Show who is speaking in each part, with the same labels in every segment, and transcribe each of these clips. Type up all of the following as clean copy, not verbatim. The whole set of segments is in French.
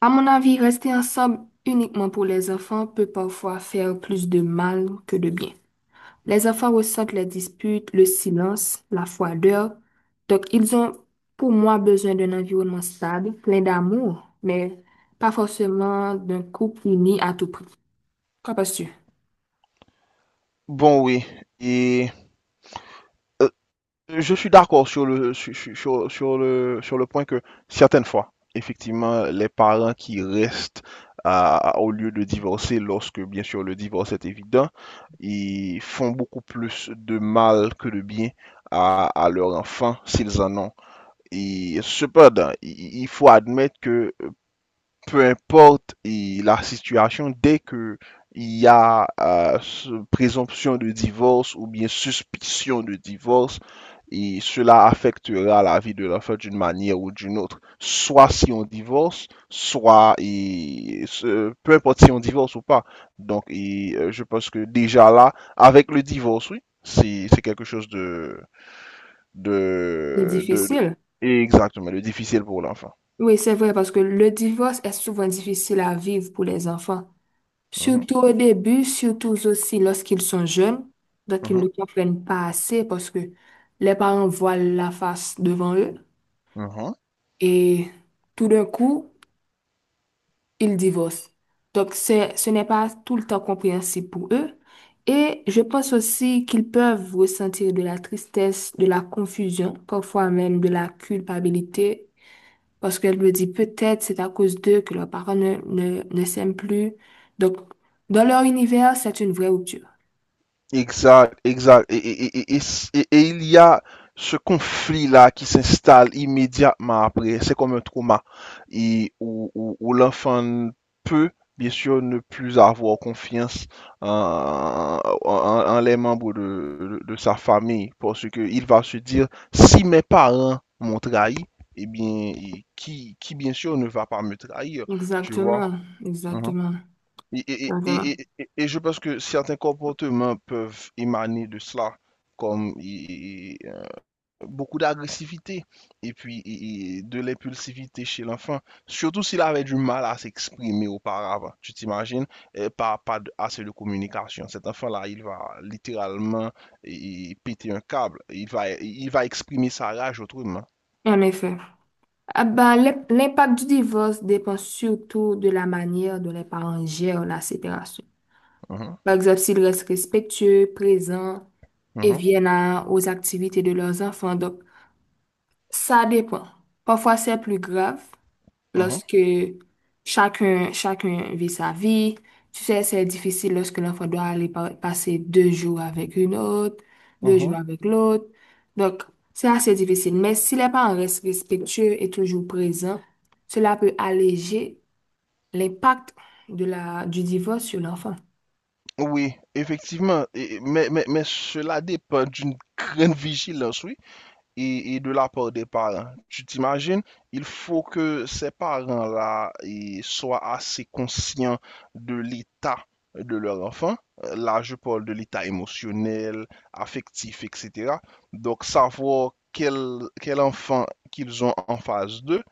Speaker 1: À mon avis, rester ensemble uniquement pour les enfants peut parfois faire plus de mal que de bien. Les enfants ressentent les disputes, le silence, la froideur. Donc, ils ont, pour moi, besoin d'un environnement stable, plein d'amour, mais pas forcément d'un couple uni à tout prix. Qu'en penses-tu?
Speaker 2: Bon, oui. Et euh, je suis d'accord sur le, sur, sur- sur le point que certaines fois, effectivement, les parents qui restent au lieu de divorcer, lorsque bien sûr le divorce est évident, ils font beaucoup plus de mal que de bien à leur enfant s'ils en ont. Et cependant, il faut admettre que peu importe et la situation, dès que il y a présomption de divorce ou bien suspicion de divorce, et cela affectera la vie de l'enfant d'une manière ou d'une autre. Soit si on divorce, soit peu importe si on divorce ou pas. Je pense que déjà là, avec le divorce, oui, c'est quelque chose de,
Speaker 1: C'est
Speaker 2: de, de, de-
Speaker 1: difficile.
Speaker 2: exactement, de difficile pour l'enfant.
Speaker 1: Oui, c'est vrai, parce que le divorce est souvent difficile à vivre pour les enfants.
Speaker 2: Mhm,
Speaker 1: Surtout au début, surtout aussi lorsqu'ils sont jeunes, donc ils ne comprennent pas assez parce que les parents voient la face devant eux
Speaker 2: mhm, mhm.
Speaker 1: et tout d'un coup, ils divorcent. Donc ce n'est pas tout le temps compréhensible pour eux. Et je pense aussi qu'ils peuvent ressentir de la tristesse, de la confusion, parfois même de la culpabilité, parce qu'elle me dit peut-être c'est à cause d'eux que leurs parents ne s'aiment plus. Donc dans leur univers, c'est une vraie rupture.
Speaker 2: Exact, exact. Et il y a ce conflit-là qui s'installe immédiatement après. C'est comme un trauma où l'enfant peut, bien sûr, ne plus avoir confiance en les membres de sa famille parce qu'il va se dire, si mes parents m'ont trahi, eh bien, qui bien sûr ne va pas me trahir, tu vois?
Speaker 1: Exactement,
Speaker 2: Mhm.
Speaker 1: exactement, exactement.
Speaker 2: Et je pense que certains comportements peuvent émaner de cela, comme beaucoup d'agressivité et puis de l'impulsivité chez l'enfant, surtout s'il avait du mal à s'exprimer auparavant. Tu t'imagines, pas assez de communication. Cet enfant-là, il va littéralement péter un câble. Il va exprimer sa rage autrement.
Speaker 1: En effet. Ah ben, l'impact du divorce dépend surtout de la manière dont les parents gèrent la séparation.
Speaker 2: Mhm,
Speaker 1: Par exemple, s'ils restent respectueux, présents et
Speaker 2: mhm,
Speaker 1: viennent aux activités de leurs enfants. Donc, ça dépend. Parfois, c'est plus grave,
Speaker 2: mhm,
Speaker 1: lorsque chacun vit sa vie. Tu sais, c'est difficile lorsque l'enfant doit aller passer deux jours avec une autre, deux jours
Speaker 2: mhm.
Speaker 1: avec l'autre. Donc, c'est assez difficile. Mais si les parents restent respectueux et toujours présents, cela peut alléger l'impact de la, du divorce sur l'enfant.
Speaker 2: Oui, effectivement, mais, mais cela dépend d'une grande vigilance, oui et de la part des parents. Tu t'imagines, il faut que ces parents-là soient assez conscients de l'état de leur enfant. Là, je parle de l'état émotionnel, affectif, etc. Donc, savoir quel enfant qu'ils ont en face d'eux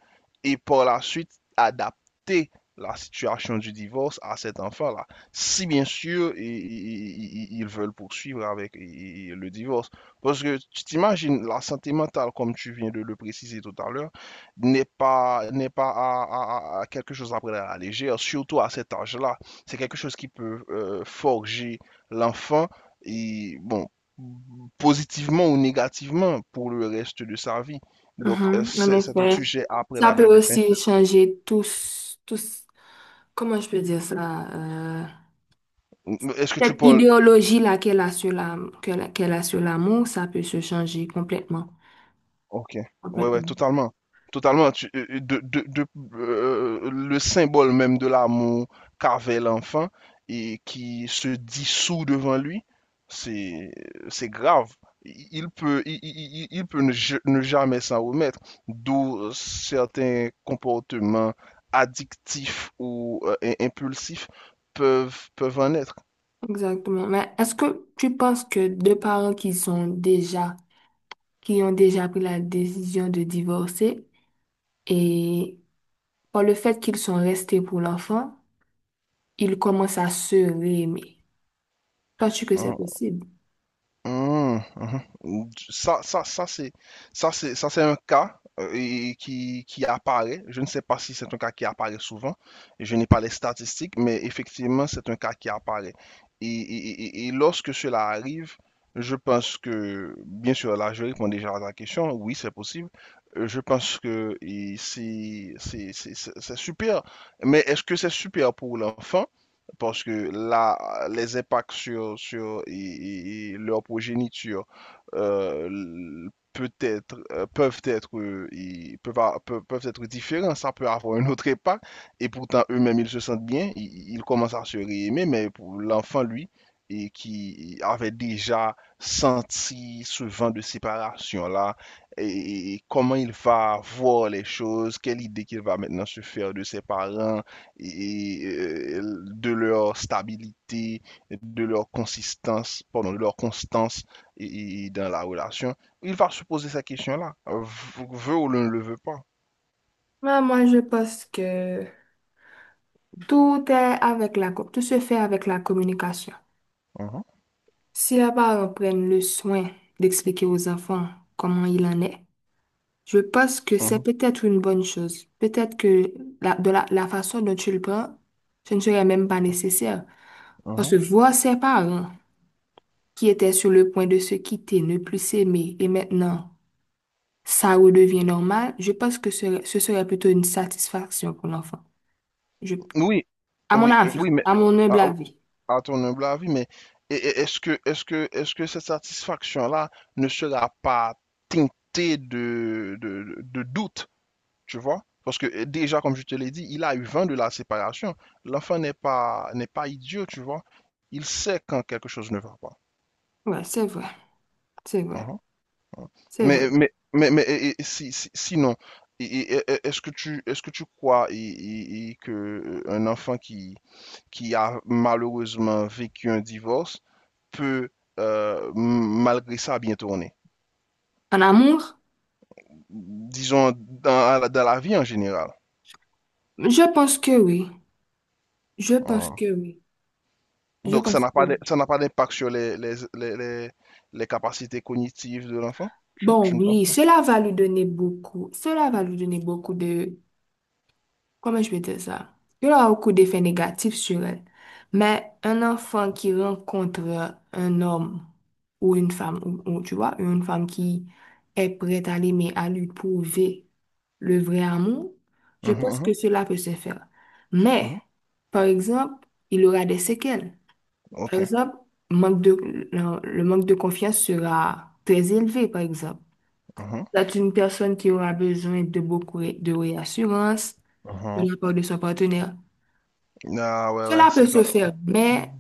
Speaker 2: et par la suite adapter la situation du divorce à cet enfant-là. Si bien sûr, ils veulent poursuivre avec le divorce. Parce que tu t'imagines, la santé mentale, comme tu viens de le préciser tout à l'heure, n'est pas à quelque chose à prendre à la légère, surtout à cet âge-là. C'est quelque chose qui peut forger l'enfant, et bon, positivement ou négativement pour le reste de sa vie. Donc,
Speaker 1: Mhm, en
Speaker 2: c'est un
Speaker 1: effet.
Speaker 2: sujet à prendre
Speaker 1: Ça peut
Speaker 2: avec des
Speaker 1: aussi
Speaker 2: pincettes.
Speaker 1: changer tous, comment je peux dire ça?
Speaker 2: Est-ce que tu
Speaker 1: Cette
Speaker 2: parles.
Speaker 1: idéologie-là qu'elle a sur l'amour, ça peut se changer complètement.
Speaker 2: Ok, ouais, ouais,
Speaker 1: Complètement.
Speaker 2: totalement. Totalement. Le symbole même de l'amour qu'avait l'enfant et qui se dissout devant lui, c'est, c'est grave. Il peut, il peut ne jamais s'en remettre, d'où certains comportements addictifs ou impulsifs peuvent, peuvent en être.
Speaker 1: Exactement. Mais est-ce que tu penses que deux parents qui sont déjà, qui ont déjà pris la décision de divorcer et par le fait qu'ils sont restés pour l'enfant, ils commencent à se réaimer? Penses-tu que c'est
Speaker 2: Hein.
Speaker 1: possible?
Speaker 2: Mhm, mhm. Ça c'est un cas qui apparaît. Je ne sais pas si c'est un cas qui apparaît souvent. Je n'ai pas les statistiques, mais effectivement, c'est un cas qui apparaît. Et lorsque cela arrive, je pense que, bien sûr, là, je réponds déjà à ta question. Oui, c'est possible. Je pense que c'est super. Mais est-ce que c'est super pour l'enfant? Parce que là, les impacts sur et leur progéniture peut-être peuvent être et peuvent, a- peuvent, peuvent être différents, ça peut avoir un autre impact, et pourtant eux-mêmes ils se sentent bien, ils commencent à se réaimer, mais pour l'enfant lui, et qui avait déjà senti ce vent de séparation-là, comment il va voir les choses, quelle idée qu'il va maintenant se faire de ses parents, de leur stabilité, de leur consistance, pardon, de leur constance et dans la relation, il va se poser cette question-là, veut ou ne le veut pas.
Speaker 1: Ouais, moi, je pense que tout se fait avec la communication.
Speaker 2: Mhm,
Speaker 1: Si les parents prennent le soin d'expliquer aux enfants comment il en est, je pense que c'est
Speaker 2: mhm,
Speaker 1: peut-être une bonne chose. Peut-être que la façon dont tu le prends, ce ne serait même pas nécessaire. Parce
Speaker 2: mhm.
Speaker 1: que voir ses parents qui étaient sur le point de se quitter, ne plus s'aimer, et maintenant ça redevient normal, je pense que ce serait plutôt une satisfaction pour l'enfant. Je,
Speaker 2: Oui,
Speaker 1: à mon avis,
Speaker 2: oui, mais
Speaker 1: à mon humble avis.
Speaker 2: à ton humble avis, mais est-ce que cette satisfaction-là ne sera pas teintée de doute? Tu vois? Parce que déjà, comme je te l'ai dit, il a eu vent de la séparation. L'enfant n'est pas, n'est pas idiot, tu vois. Il sait quand quelque chose ne va pas.
Speaker 1: Ouais, c'est vrai, c'est vrai,
Speaker 2: Mhm.
Speaker 1: c'est vrai.
Speaker 2: Sinon, est-ce que tu, est-ce que tu crois que un enfant qui a malheureusement vécu un divorce peut, malgré ça, bien tourner?
Speaker 1: En amour,
Speaker 2: Disons, dans la vie en général.
Speaker 1: je pense que oui. Je pense
Speaker 2: Uh-huh.
Speaker 1: que oui. Je
Speaker 2: Donc,
Speaker 1: pense que oui.
Speaker 2: ça n'a pas d'impact sur les capacités cognitives de l'enfant?
Speaker 1: Bon,
Speaker 2: Tu ne penses
Speaker 1: oui,
Speaker 2: pas?
Speaker 1: cela va lui donner beaucoup. Cela va lui donner beaucoup de... Comment je vais dire ça? Il aura beaucoup d'effets négatifs sur elle. Mais un enfant qui rencontre un homme ou une femme, tu vois, une femme qui est prête à l'aimer, à lui prouver le vrai amour, je
Speaker 2: Mhm,
Speaker 1: pense que
Speaker 2: mhm,
Speaker 1: cela peut se faire. Mais,
Speaker 2: mhm.
Speaker 1: par exemple, il aura des séquelles.
Speaker 2: Ok.
Speaker 1: Par exemple, manque de, le manque de confiance sera très élevé, par exemple.
Speaker 2: Mhm,
Speaker 1: C'est une personne qui aura besoin de beaucoup de réassurance de
Speaker 2: mhm.
Speaker 1: la part de son partenaire.
Speaker 2: Ah ouais, ouais,
Speaker 1: Cela
Speaker 2: c'est
Speaker 1: peut
Speaker 2: ça.
Speaker 1: se faire, mais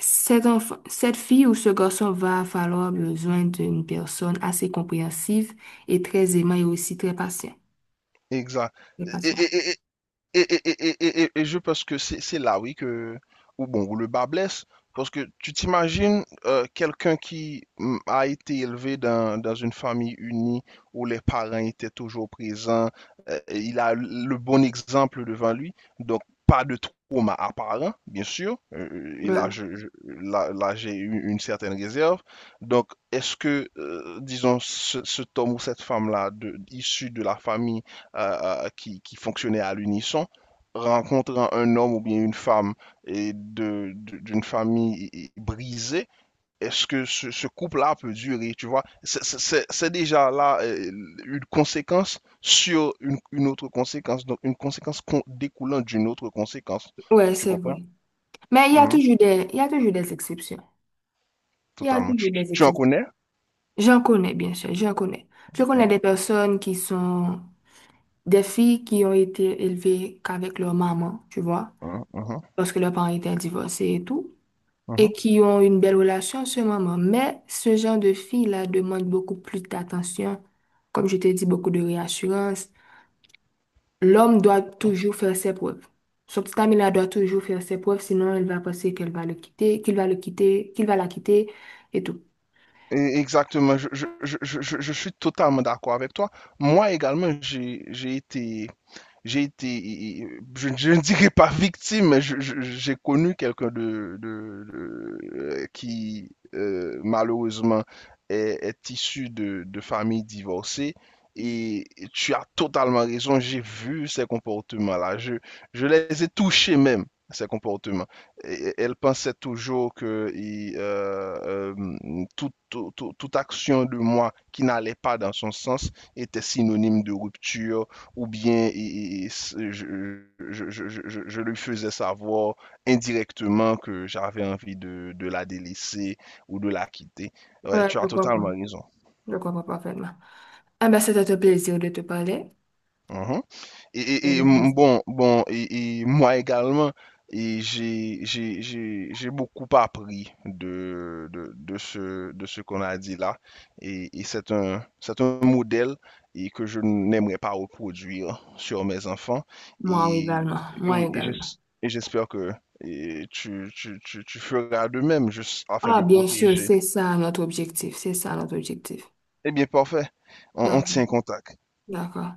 Speaker 1: cet enfant, cette fille ou ce garçon va falloir besoin d'une personne assez compréhensive et très aimante et aussi très patient.
Speaker 2: Exact.
Speaker 1: Très
Speaker 2: Et,
Speaker 1: patient.
Speaker 2: Et je pense que c'est là, oui, que, où, bon, où le bas blesse. Parce que tu t'imagines quelqu'un qui a été élevé dans une famille unie où les parents étaient toujours présents, et il a le bon exemple devant lui, donc pas de trauma apparent, bien sûr. Et là,
Speaker 1: Ouais,
Speaker 2: là, j'ai eu une certaine réserve. Donc, est-ce que, disons, cet homme ou cette femme-là, issue de la famille, qui fonctionnaient à l'unisson, rencontrant un homme ou bien une femme d'une famille brisée, est-ce que ce couple-là peut durer, tu vois? Déjà là une conséquence sur une autre conséquence, donc une conséquence découlant d'une autre conséquence.
Speaker 1: Ouais,
Speaker 2: Tu
Speaker 1: c'est
Speaker 2: comprends?
Speaker 1: vrai. Mais
Speaker 2: Mhm.
Speaker 1: il y a toujours des exceptions. Il y a
Speaker 2: Totalement.
Speaker 1: toujours des
Speaker 2: Tu en
Speaker 1: exceptions.
Speaker 2: connais?
Speaker 1: J'en connais, bien sûr, j'en connais. Je connais des personnes qui sont des filles qui ont été élevées qu'avec leur maman, tu vois,
Speaker 2: Mhm, mhm,
Speaker 1: parce que leurs parents étaient divorcés et tout, et
Speaker 2: mhm.
Speaker 1: qui ont une belle relation ce moment. Mais ce genre de filles-là demande beaucoup plus d'attention, comme je t'ai dit, beaucoup de réassurance. L'homme doit toujours faire ses preuves. Son petit ami-là doit toujours faire ses preuves, sinon elle va penser qu'elle va le quitter, qu'il va le quitter, qu'il va la quitter et tout.
Speaker 2: Et exactement, je suis totalement d'accord avec toi. Moi également, j'ai été, je ne dirais pas victime, mais j'ai connu quelqu'un malheureusement, est issu de familles divorcées. Et tu as totalement raison, j'ai vu ces comportements-là. Je les ai touchés même, ces elle pensait toujours que toute action de moi qui n'allait pas dans son sens était synonyme de rupture, ou bien je, je lui faisais savoir indirectement que j'avais envie de la délaisser ou de la quitter. Ouais,
Speaker 1: Ouais,
Speaker 2: tu as
Speaker 1: je
Speaker 2: totalement
Speaker 1: comprends.
Speaker 2: raison.
Speaker 1: Je comprends parfaitement. Ah ben, c'était un plaisir de te parler.
Speaker 2: Mhm.
Speaker 1: C'était un plaisir.
Speaker 2: Et moi également, j'ai beaucoup appris de ce qu'on a dit là. Et c'est un modèle que je n'aimerais pas reproduire sur mes enfants.
Speaker 1: Moi
Speaker 2: Et,
Speaker 1: également.
Speaker 2: et
Speaker 1: Moi
Speaker 2: oui,
Speaker 1: également.
Speaker 2: et j'espère que tu feras de même, juste afin
Speaker 1: Ah,
Speaker 2: de
Speaker 1: bien sûr,
Speaker 2: protéger.
Speaker 1: c'est ça notre objectif. C'est ça notre objectif.
Speaker 2: Eh bien, parfait. On tient
Speaker 1: Parfait.
Speaker 2: contact.
Speaker 1: D'accord.